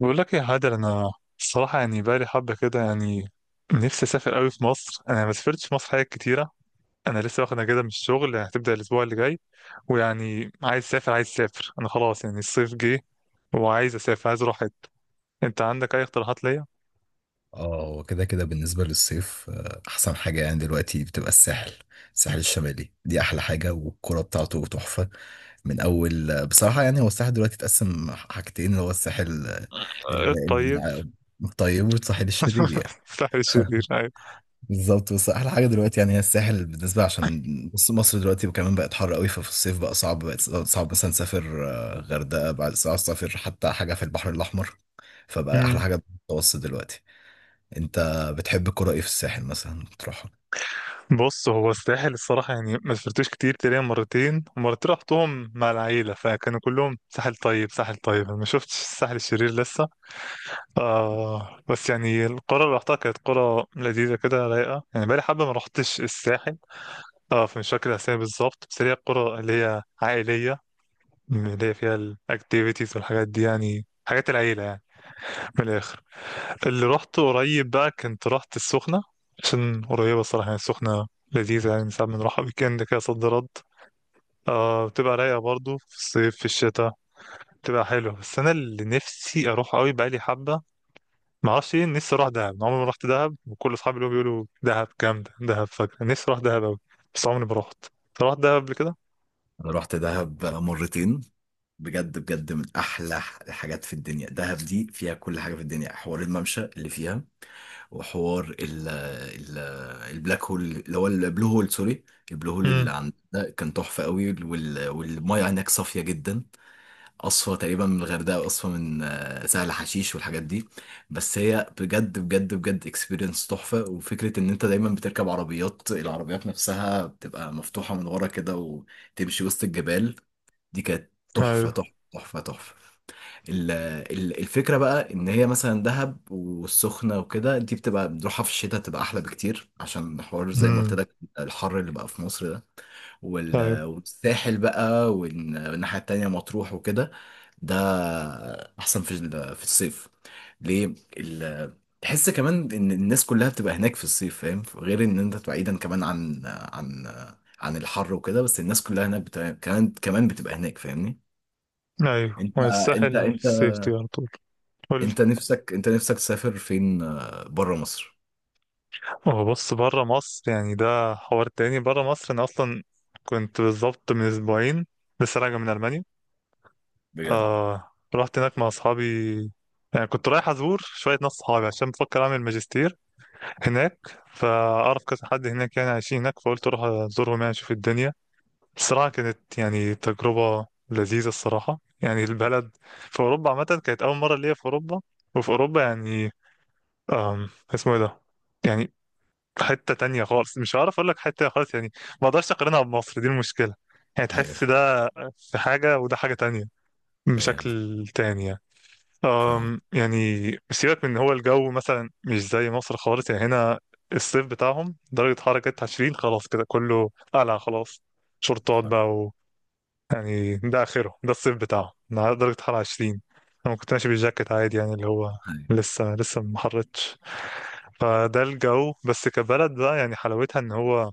بقول لك يا هادر، انا الصراحه يعني بقالي حبه كده، يعني نفسي اسافر قوي في مصر. انا ما سافرتش في مصر حاجات كتيره. انا لسه واخد اجازه من الشغل، يعني هتبدا الاسبوع اللي جاي. ويعني عايز اسافر انا خلاص، يعني الصيف جه وعايز اسافر، عايز اروح حته. انت عندك اي اقتراحات ليا؟ اه، هو كده كده بالنسبة للصيف، أحسن حاجة يعني دلوقتي بتبقى الساحل الشمالي. دي أحلى حاجة، والكرة بتاعته تحفة. من أول بصراحة يعني هو الساحل دلوقتي اتقسم حاجتين، اللي هو الساحل آه، ال- طيب. ال- الطيب والساحل الشرير يعني. الساحل الشرير، أيوة. بالظبط. بس أحلى حاجة دلوقتي يعني هي الساحل، بالنسبة عشان بص مصر دلوقتي كمان بقت حر قوي، ففي الصيف بقى صعب، بقت صعب مثلا تسافر غردقة، بعد صعب تسافر حتى حاجة في البحر الأحمر، فبقى أحلى أمم. حاجة المتوسط دلوقتي. انت بتحب الكرة ايه في الساحل؟ مثلا بتروحها؟ بص، هو الساحل الصراحه يعني ما سافرتوش كتير، تقريبا مرتين ومرتين رحتهم مع العيله فكانوا كلهم ساحل طيب، ساحل طيب. أنا ما شفتش الساحل الشرير لسه. آه، بس يعني القرى اللي رحتها كانت قرى لذيذة كده، رايقة. يعني بقالي حبة ما رحتش الساحل. اه، فمش فاكر الأسامي بالظبط، بس هي القرى اللي هي عائلية، اللي هي فيها الأكتيفيتيز والحاجات دي، يعني حاجات العيلة يعني. من الآخر، اللي رحت قريب بقى كنت رحت السخنة عشان قريبة. الصراحة يعني السخنة لذيذة، يعني ساعات بنروحها ويكند كده صد رد. آه، بتبقى رايقة برضو في الصيف، في الشتاء بتبقى حلوة. بس أنا اللي نفسي أروح أوي بقالي حبة، ما اعرفش ايه، نفسي اروح دهب. عمري ما رحت دهب، وكل اصحابي اللي بيقولوا دهب جامده، دهب فجر. نفسي اروح دهب قوي بس عمري ما رحت. أنت رحت دهب قبل كده؟ انا رحت دهب مرتين. بجد بجد، من احلى الحاجات في الدنيا. دهب دي فيها كل حاجه في الدنيا، حوار الممشى اللي فيها، وحوار ال البلاك هول اللي هو البلو هول، سوري، البلو هول امم. اللي عند ده كان تحفه قوي. والميه هناك صافيه جدا. قصفة تقريبا من الغردقة، وقصفة من سهل حشيش والحاجات دي. بس هي بجد بجد بجد اكسبيرينس تحفة، وفكرة ان انت دايما بتركب عربيات، العربيات نفسها بتبقى مفتوحة من ورا كده، وتمشي وسط الجبال. دي كانت ايوه. تحفة تحفة تحفة تحفة. ال- الفكرة بقى ان هي مثلا دهب والسخنة وكده، دي بتبقى بنروحها في الشتاء، بتبقى احلى بكتير، عشان حوار زي ما قلت امم. لك الحر اللي بقى في مصر ده. ايوه. والساحل بقى، والناحية التانية مطروح وكده، ده احسن في في الصيف. ليه تحس كمان ان الناس كلها بتبقى هناك في الصيف، فاهم، غير ان انت تبقى بعيدا كمان عن الحر وكده، بس الناس كلها هناك كمان كمان بتبقى هناك، فاهمني؟ ايوه، انت انت والساحل انت سيفتي على طول. قول لي. انت نفسك تسافر فين، بره مصر؟ هو بص، بره مصر يعني ده حوار تاني. بره مصر انا اصلا كنت بالظبط من اسبوعين لسه راجع من المانيا. بجد؟ آه، رحت هناك مع اصحابي. يعني كنت رايح ازور شويه ناس صحابي عشان بفكر اعمل ماجستير هناك، فأعرف كذا حد هناك يعني عايشين هناك، فقلت أروح أزورهم يعني أشوف الدنيا. الصراحة كانت يعني تجربة لذيذة الصراحة. يعني البلد في أوروبا عامة، كانت أول مرة ليا في أوروبا. وفي أوروبا يعني، اسمه إيه ده، يعني حتة تانية خالص. مش هعرف أقول لك، حتة خالص يعني. ما أقدرش أقارنها بمصر، دي المشكلة. يعني تحس ايوه ده في حاجة وده حاجة تانية، فاهم بشكل تاني يعني. فاهم يعني سيبك من إن هو الجو مثلا مش زي مصر خالص، يعني هنا الصيف بتاعهم درجة حرارة كانت 20، خلاص كده كله قلع، خلاص شورتات فاهم. بقى و... يعني ده آخره، ده الصيف بتاعهم إنها درجة حرارة 20. أنا كنت ماشي بالجاكيت عادي، يعني اللي هو أيوة. لسه لسه ما حرتش. فده الجو، بس كبلد بقى يعني حلاوتها إن هو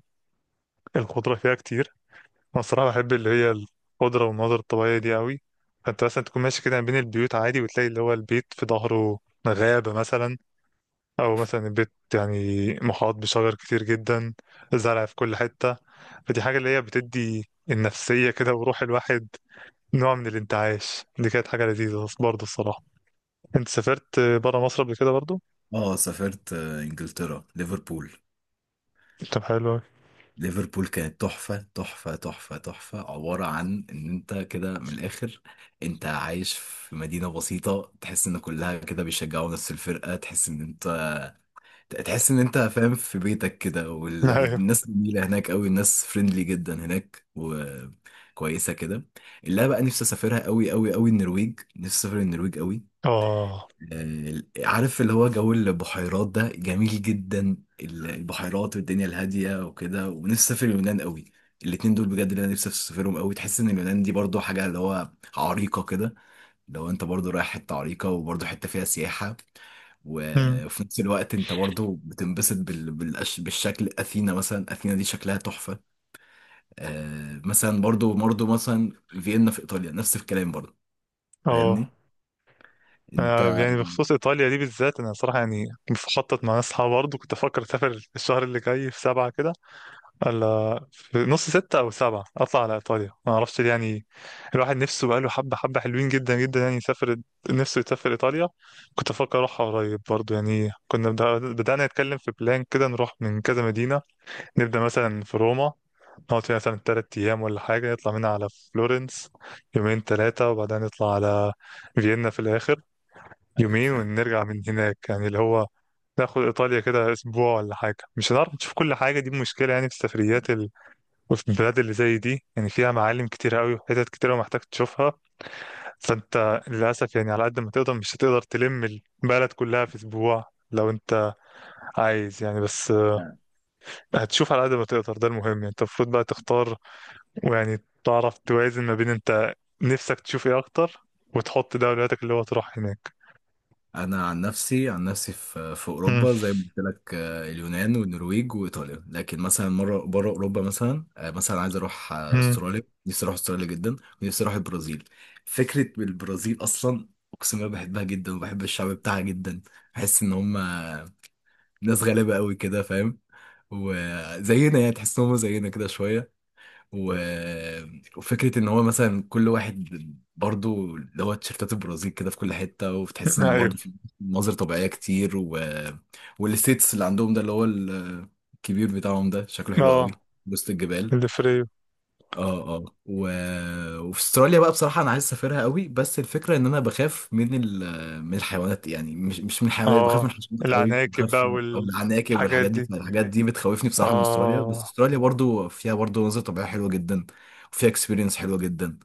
الخضرة فيها كتير. انا الصراحه بحب اللي هي الخضره والمناظر الطبيعيه دي قوي. فانت مثلا تكون ماشي كده ما بين البيوت عادي وتلاقي اللي هو البيت في ظهره غابه مثلا. او مثلا البيت يعني محاط بشجر كتير جدا، زرع في كل حته. فدي حاجه اللي هي بتدي النفسيه كده وروح الواحد نوع من الانتعاش. دي كانت حاجه لذيذه برضه الصراحه. انت سافرت بره مصر قبل كده برضه؟ اه، سافرت انجلترا، ليفربول. طب، حلو أوي. ليفربول كانت تحفة تحفة تحفة تحفة، عبارة عن إن أنت كده من الآخر أنت عايش في مدينة بسيطة، تحس إن كلها كده بيشجعوا نفس الفرقة، تحس إن أنت فاهم في بيتك كده. ايوه. والناس جميلة هناك أوي، الناس فريندلي جدا هناك وكويسة كده. اللي أنا بقى نفسي أسافرها أوي أوي أوي النرويج، نفسي أسافر النرويج أوي. اه. عارف اللي هو جو البحيرات ده جميل جدا، البحيرات والدنيا الهادية وكده. ونفسي أسافر اليونان قوي. الاتنين دول بجد اللي أنا نفسي أسافرهم قوي. تحس إن اليونان دي برضو حاجة اللي هو عريقة كده، لو أنت برضو رايح حتة عريقة، وبرضو حتة فيها سياحة، أمم. وفي نفس الوقت أنت برضو بتنبسط بالشكل. أثينا مثلا، أثينا دي شكلها تحفة. مثلا برضو مثلا فيينا، في إيطاليا نفس الكلام برضو، اه. فاهمني؟ آه، أنت. يعني بخصوص إيطاليا دي بالذات، أنا صراحة يعني بخطط مع ناس صحابي برضه. كنت أفكر أسافر الشهر اللي جاي في سبعة كده، ولا في نص ستة أو سبعة أطلع على إيطاليا. ما أعرفش ليه، يعني الواحد نفسه بقاله حبة، حبة حلوين جدا جدا يعني يسافر، نفسه يسافر إيطاليا. كنت أفكر أروحها قريب برضه. يعني كنا بدأنا نتكلم في بلان كده، نروح من كذا مدينة. نبدأ مثلا في روما، نقعد فيها مثلا تلات أيام ولا حاجة، نطلع منها على فلورنس يومين تلاتة، وبعدين نطلع على فيينا في الآخر أيوه يومين، فاهم. ونرجع من هناك. يعني اللي هو ناخد إيطاليا كده أسبوع ولا حاجة. مش هنعرف نشوف كل حاجة، دي مشكلة يعني في السفريات ال... وفي البلاد اللي زي دي يعني فيها معالم كتيرة قوي وحتت كتيرة ومحتاج تشوفها. فأنت للأسف يعني على قد ما تقدر، مش هتقدر تلم البلد كلها في أسبوع. لو أنت عايز يعني، بس آه، هتشوف على قد ما تقدر، ده المهم. يعني أنت المفروض بقى تختار، ويعني تعرف توازن ما بين أنت نفسك تشوف إيه أكتر، وتحط ده أولوياتك اللي هو تروح هناك. انا عن نفسي في مم. اوروبا زي ما قلت لك اليونان والنرويج وايطاليا، لكن مثلا مره بره اوروبا مثلا، مثلا عايز اروح مم. استراليا، نفسي اروح استراليا جدا. ونفسي اروح البرازيل. فكره البرازيل اصلا اقسم بالله بحبها جدا، وبحب الشعب بتاعها جدا، بحس ان هم ناس غلابه قوي كده، فاهم، وزينا، يعني تحس ان هم زينا كده شويه. و... وفكرة ان هو مثلا كل واحد برضو اللي هو تيشيرتات البرازيل كده في كل حتة، وبتحس ان أيوه. برضو في مناظر طبيعية كتير. والستيتس اللي عندهم ده اللي هو الكبير بتاعهم ده شكله حلو قوي، أه. وسط الجبال. الفري. اه اه. وفي استراليا بقى بصراحة أنا عايز أسافرها قوي، بس الفكرة إن أنا بخاف من من الحيوانات، يعني مش من الحيوانات، بخاف من اه. الحشرات قوي، العناكب بخاف. بقى أو العناكب والحاجات والحاجات دي، دي. الحاجات دي بتخوفني بصراحة من استراليا. بس اه، استراليا برضو فيها برضو مناظر طبيعية حلوة جدا، وفيها اكسبيرينس حلوة جدا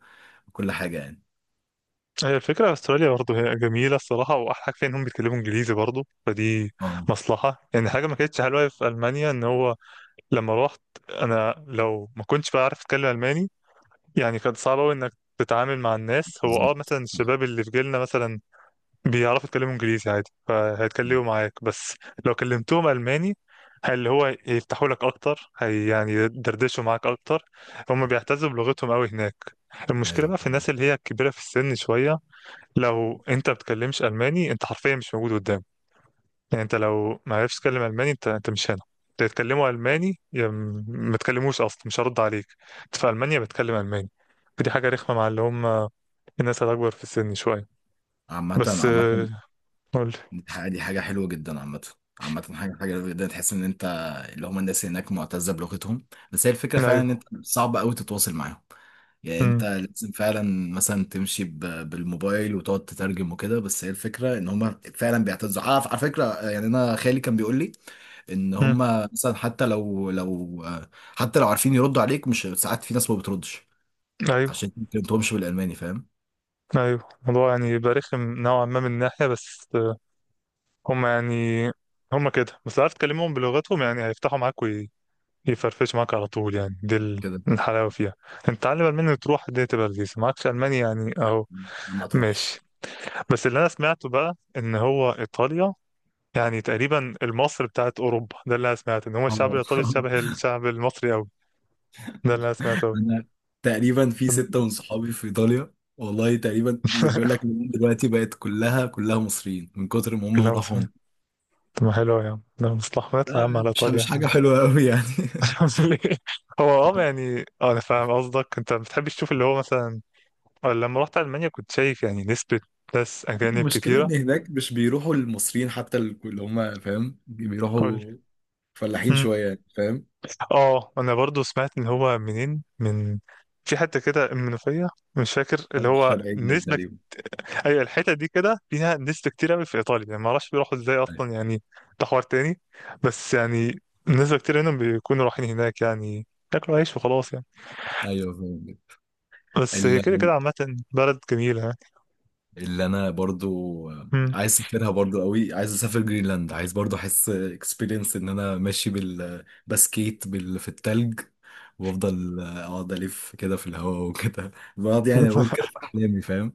وكل حاجة يعني. هي الفكرة استراليا برضه هي جميلة الصراحة، وأحلى حاجة فيها إنهم بيتكلموا إنجليزي برضه، فدي اه. مصلحة. يعني حاجة ما كانتش حلوة في ألمانيا إن هو لما روحت، أنا لو ما كنتش بقى عارف أتكلم ألماني، يعني كان صعب أوي إنك تتعامل مع الناس. هو اه بالظبط. مثلا الشباب اللي في جيلنا مثلا بيعرفوا يتكلموا انجليزي عادي، فهيتكلموا معاك. بس لو كلمتهم الماني، اللي هو يفتحوا لك اكتر، هي يعني يدردشوا معاك اكتر. هم آه. بيعتزوا بلغتهم قوي هناك. المشكله ايوه. بقى في الناس اللي هي كبيره في السن شويه، لو انت بتكلمش الماني انت حرفيا مش موجود قدام. يعني انت لو ما عرفتش تتكلم الماني انت مش هنا. تتكلموا الماني، ما تكلموش اصلا مش هرد عليك. انت في المانيا بتكلم الماني. فدي حاجه رخمه مع اللي هم الناس اللي اكبر في السن شويه. عامة بس عامة، آه، قول. دي حاجة حلوة جدا عامة. عامة، حاجة حلوة جدا، تحس ان انت اللي هم الناس هناك معتزة بلغتهم. بس هي الفكرة فعلا ان انت صعب قوي تتواصل معاهم، يعني امم. انت لازم فعلا مثلا تمشي بالموبايل وتقعد تترجم وكده. بس هي الفكرة ان هم فعلا بيعتزوا على فكرة، يعني انا خالي كان بيقول لي ان هم امم. مثلا، حتى لو عارفين يردوا عليك، مش ساعات في ناس ما بتردش ايوه. عشان ما تكلمتهمش بالالماني، فاهم؟ ايوه، الموضوع يعني يبقى رخم نوعا ما من ناحيه. بس آه، هم يعني هم كده. بس عارف، تكلمهم بلغتهم يعني هيفتحوا معاك ويفرفش معاك على طول. يعني دي كده الحلاوه فيها. انت تعلم الماني وتروح دي تبقى لذيذه. معكش الماني يعني اهو، ما ماشي. تروحش. بس اللي انا سمعته بقى ان هو ايطاليا يعني تقريبا المصر بتاعت اوروبا. ده اللي انا سمعته، ان هو الشعب اه. الايطالي شبه الشعب المصري قوي. ده اللي انا سمعته قوي. انا تقريبا في ستة من صحابي في ايطاليا، والله تقريبا بيقول لك إن دلوقتي بقت كلها كلها مصريين من كتر ما هم لا، راحوا مصري. هنا. طب ما حلو يا عم، ده مصلحة، ما نطلع يا لا عم على مش ايطاليا. حاجة حلوة قوي يعني. ليه؟ هو اه يعني اه انا فاهم قصدك، انت ما بتحبش تشوف اللي هو مثلا. آه، لما رحت المانيا كنت شايف يعني نسبة ناس اجانب المشكلة كتيرة. ان هناك مش بيروحوا المصريين، حتى اللي هم فاهم قول لي. بيروحوا فلاحين مم. شوية يعني، فاهم. اه، انا برضو سمعت ان هو منين، من في حتة كده المنوفية. مش فاكر اللي هو الشرقية، نسبة. تقريبا. ايوه، الحتة دي كده فيها نسبة كتير قوي في ايطاليا. يعني ما اعرفش بيروحوا ازاي ايوه. اصلا، يعني ده حوار تاني. بس يعني نسبة كتير منهم بيكونوا رايحين هناك يعني ياكلوا عيش وخلاص يعني. أيوة، فاهم. بس هي كده كده عامة بلد جميلة يعني. اللي انا برضو مم. عايز اسافرها برضو قوي، عايز اسافر جرينلاند، عايز برضو احس اكسبيرينس ان انا ماشي بالبسكيت في التلج، وافضل اقعد الف كده في الهواء وكده، بقعد يعني اقول كده في احلامي، فاهم.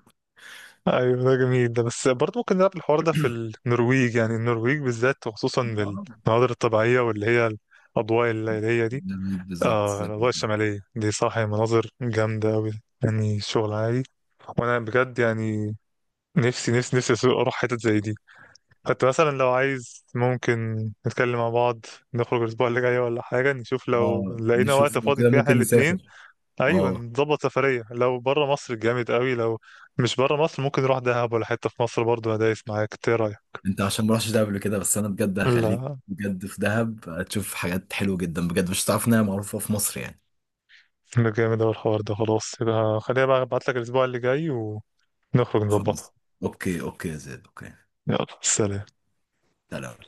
ايوه، ده جميل. ده بس برضه ممكن نلعب الحوار ده في النرويج. يعني النرويج بالذات، وخصوصا اه، المناظر الطبيعيه واللي هي الاضواء الليليه دي. جميل، بالظبط آه، زي ما الاضواء قلت. الشماليه دي، صح. هي مناظر جامده قوي، يعني شغل عالي. وانا بجد يعني نفسي نفسي نفسي اروح حتت زي دي. حتى مثلا لو عايز، ممكن نتكلم مع بعض. نخرج الاسبوع اللي جاي ولا حاجه، نشوف لو اه، لقينا وقت نشوف لو فاضي كده فيه احنا ممكن الاثنين. نسافر. ايوه، اه، نظبط سفريه. لو بره مصر جامد قوي، لو مش بره مصر ممكن نروح دهب ولا حته في مصر برضه. ادايس معاك. إنت ايه رايك؟ انت عشان ما رحتش دهب قبل كده، بس انا بجد هخليك لا، بجد في دهب، هتشوف حاجات حلوه جدا بجد، مش هتعرف انها معروفه في مصر يعني. ده جامد اوي الحوار ده. خلاص يبقى خليها بقى، ابعت لك الاسبوع اللي جاي ونخرج نظبطها. خلاص. اوكي اوكي يا زيد. اوكي. يلا، سلام. سلام.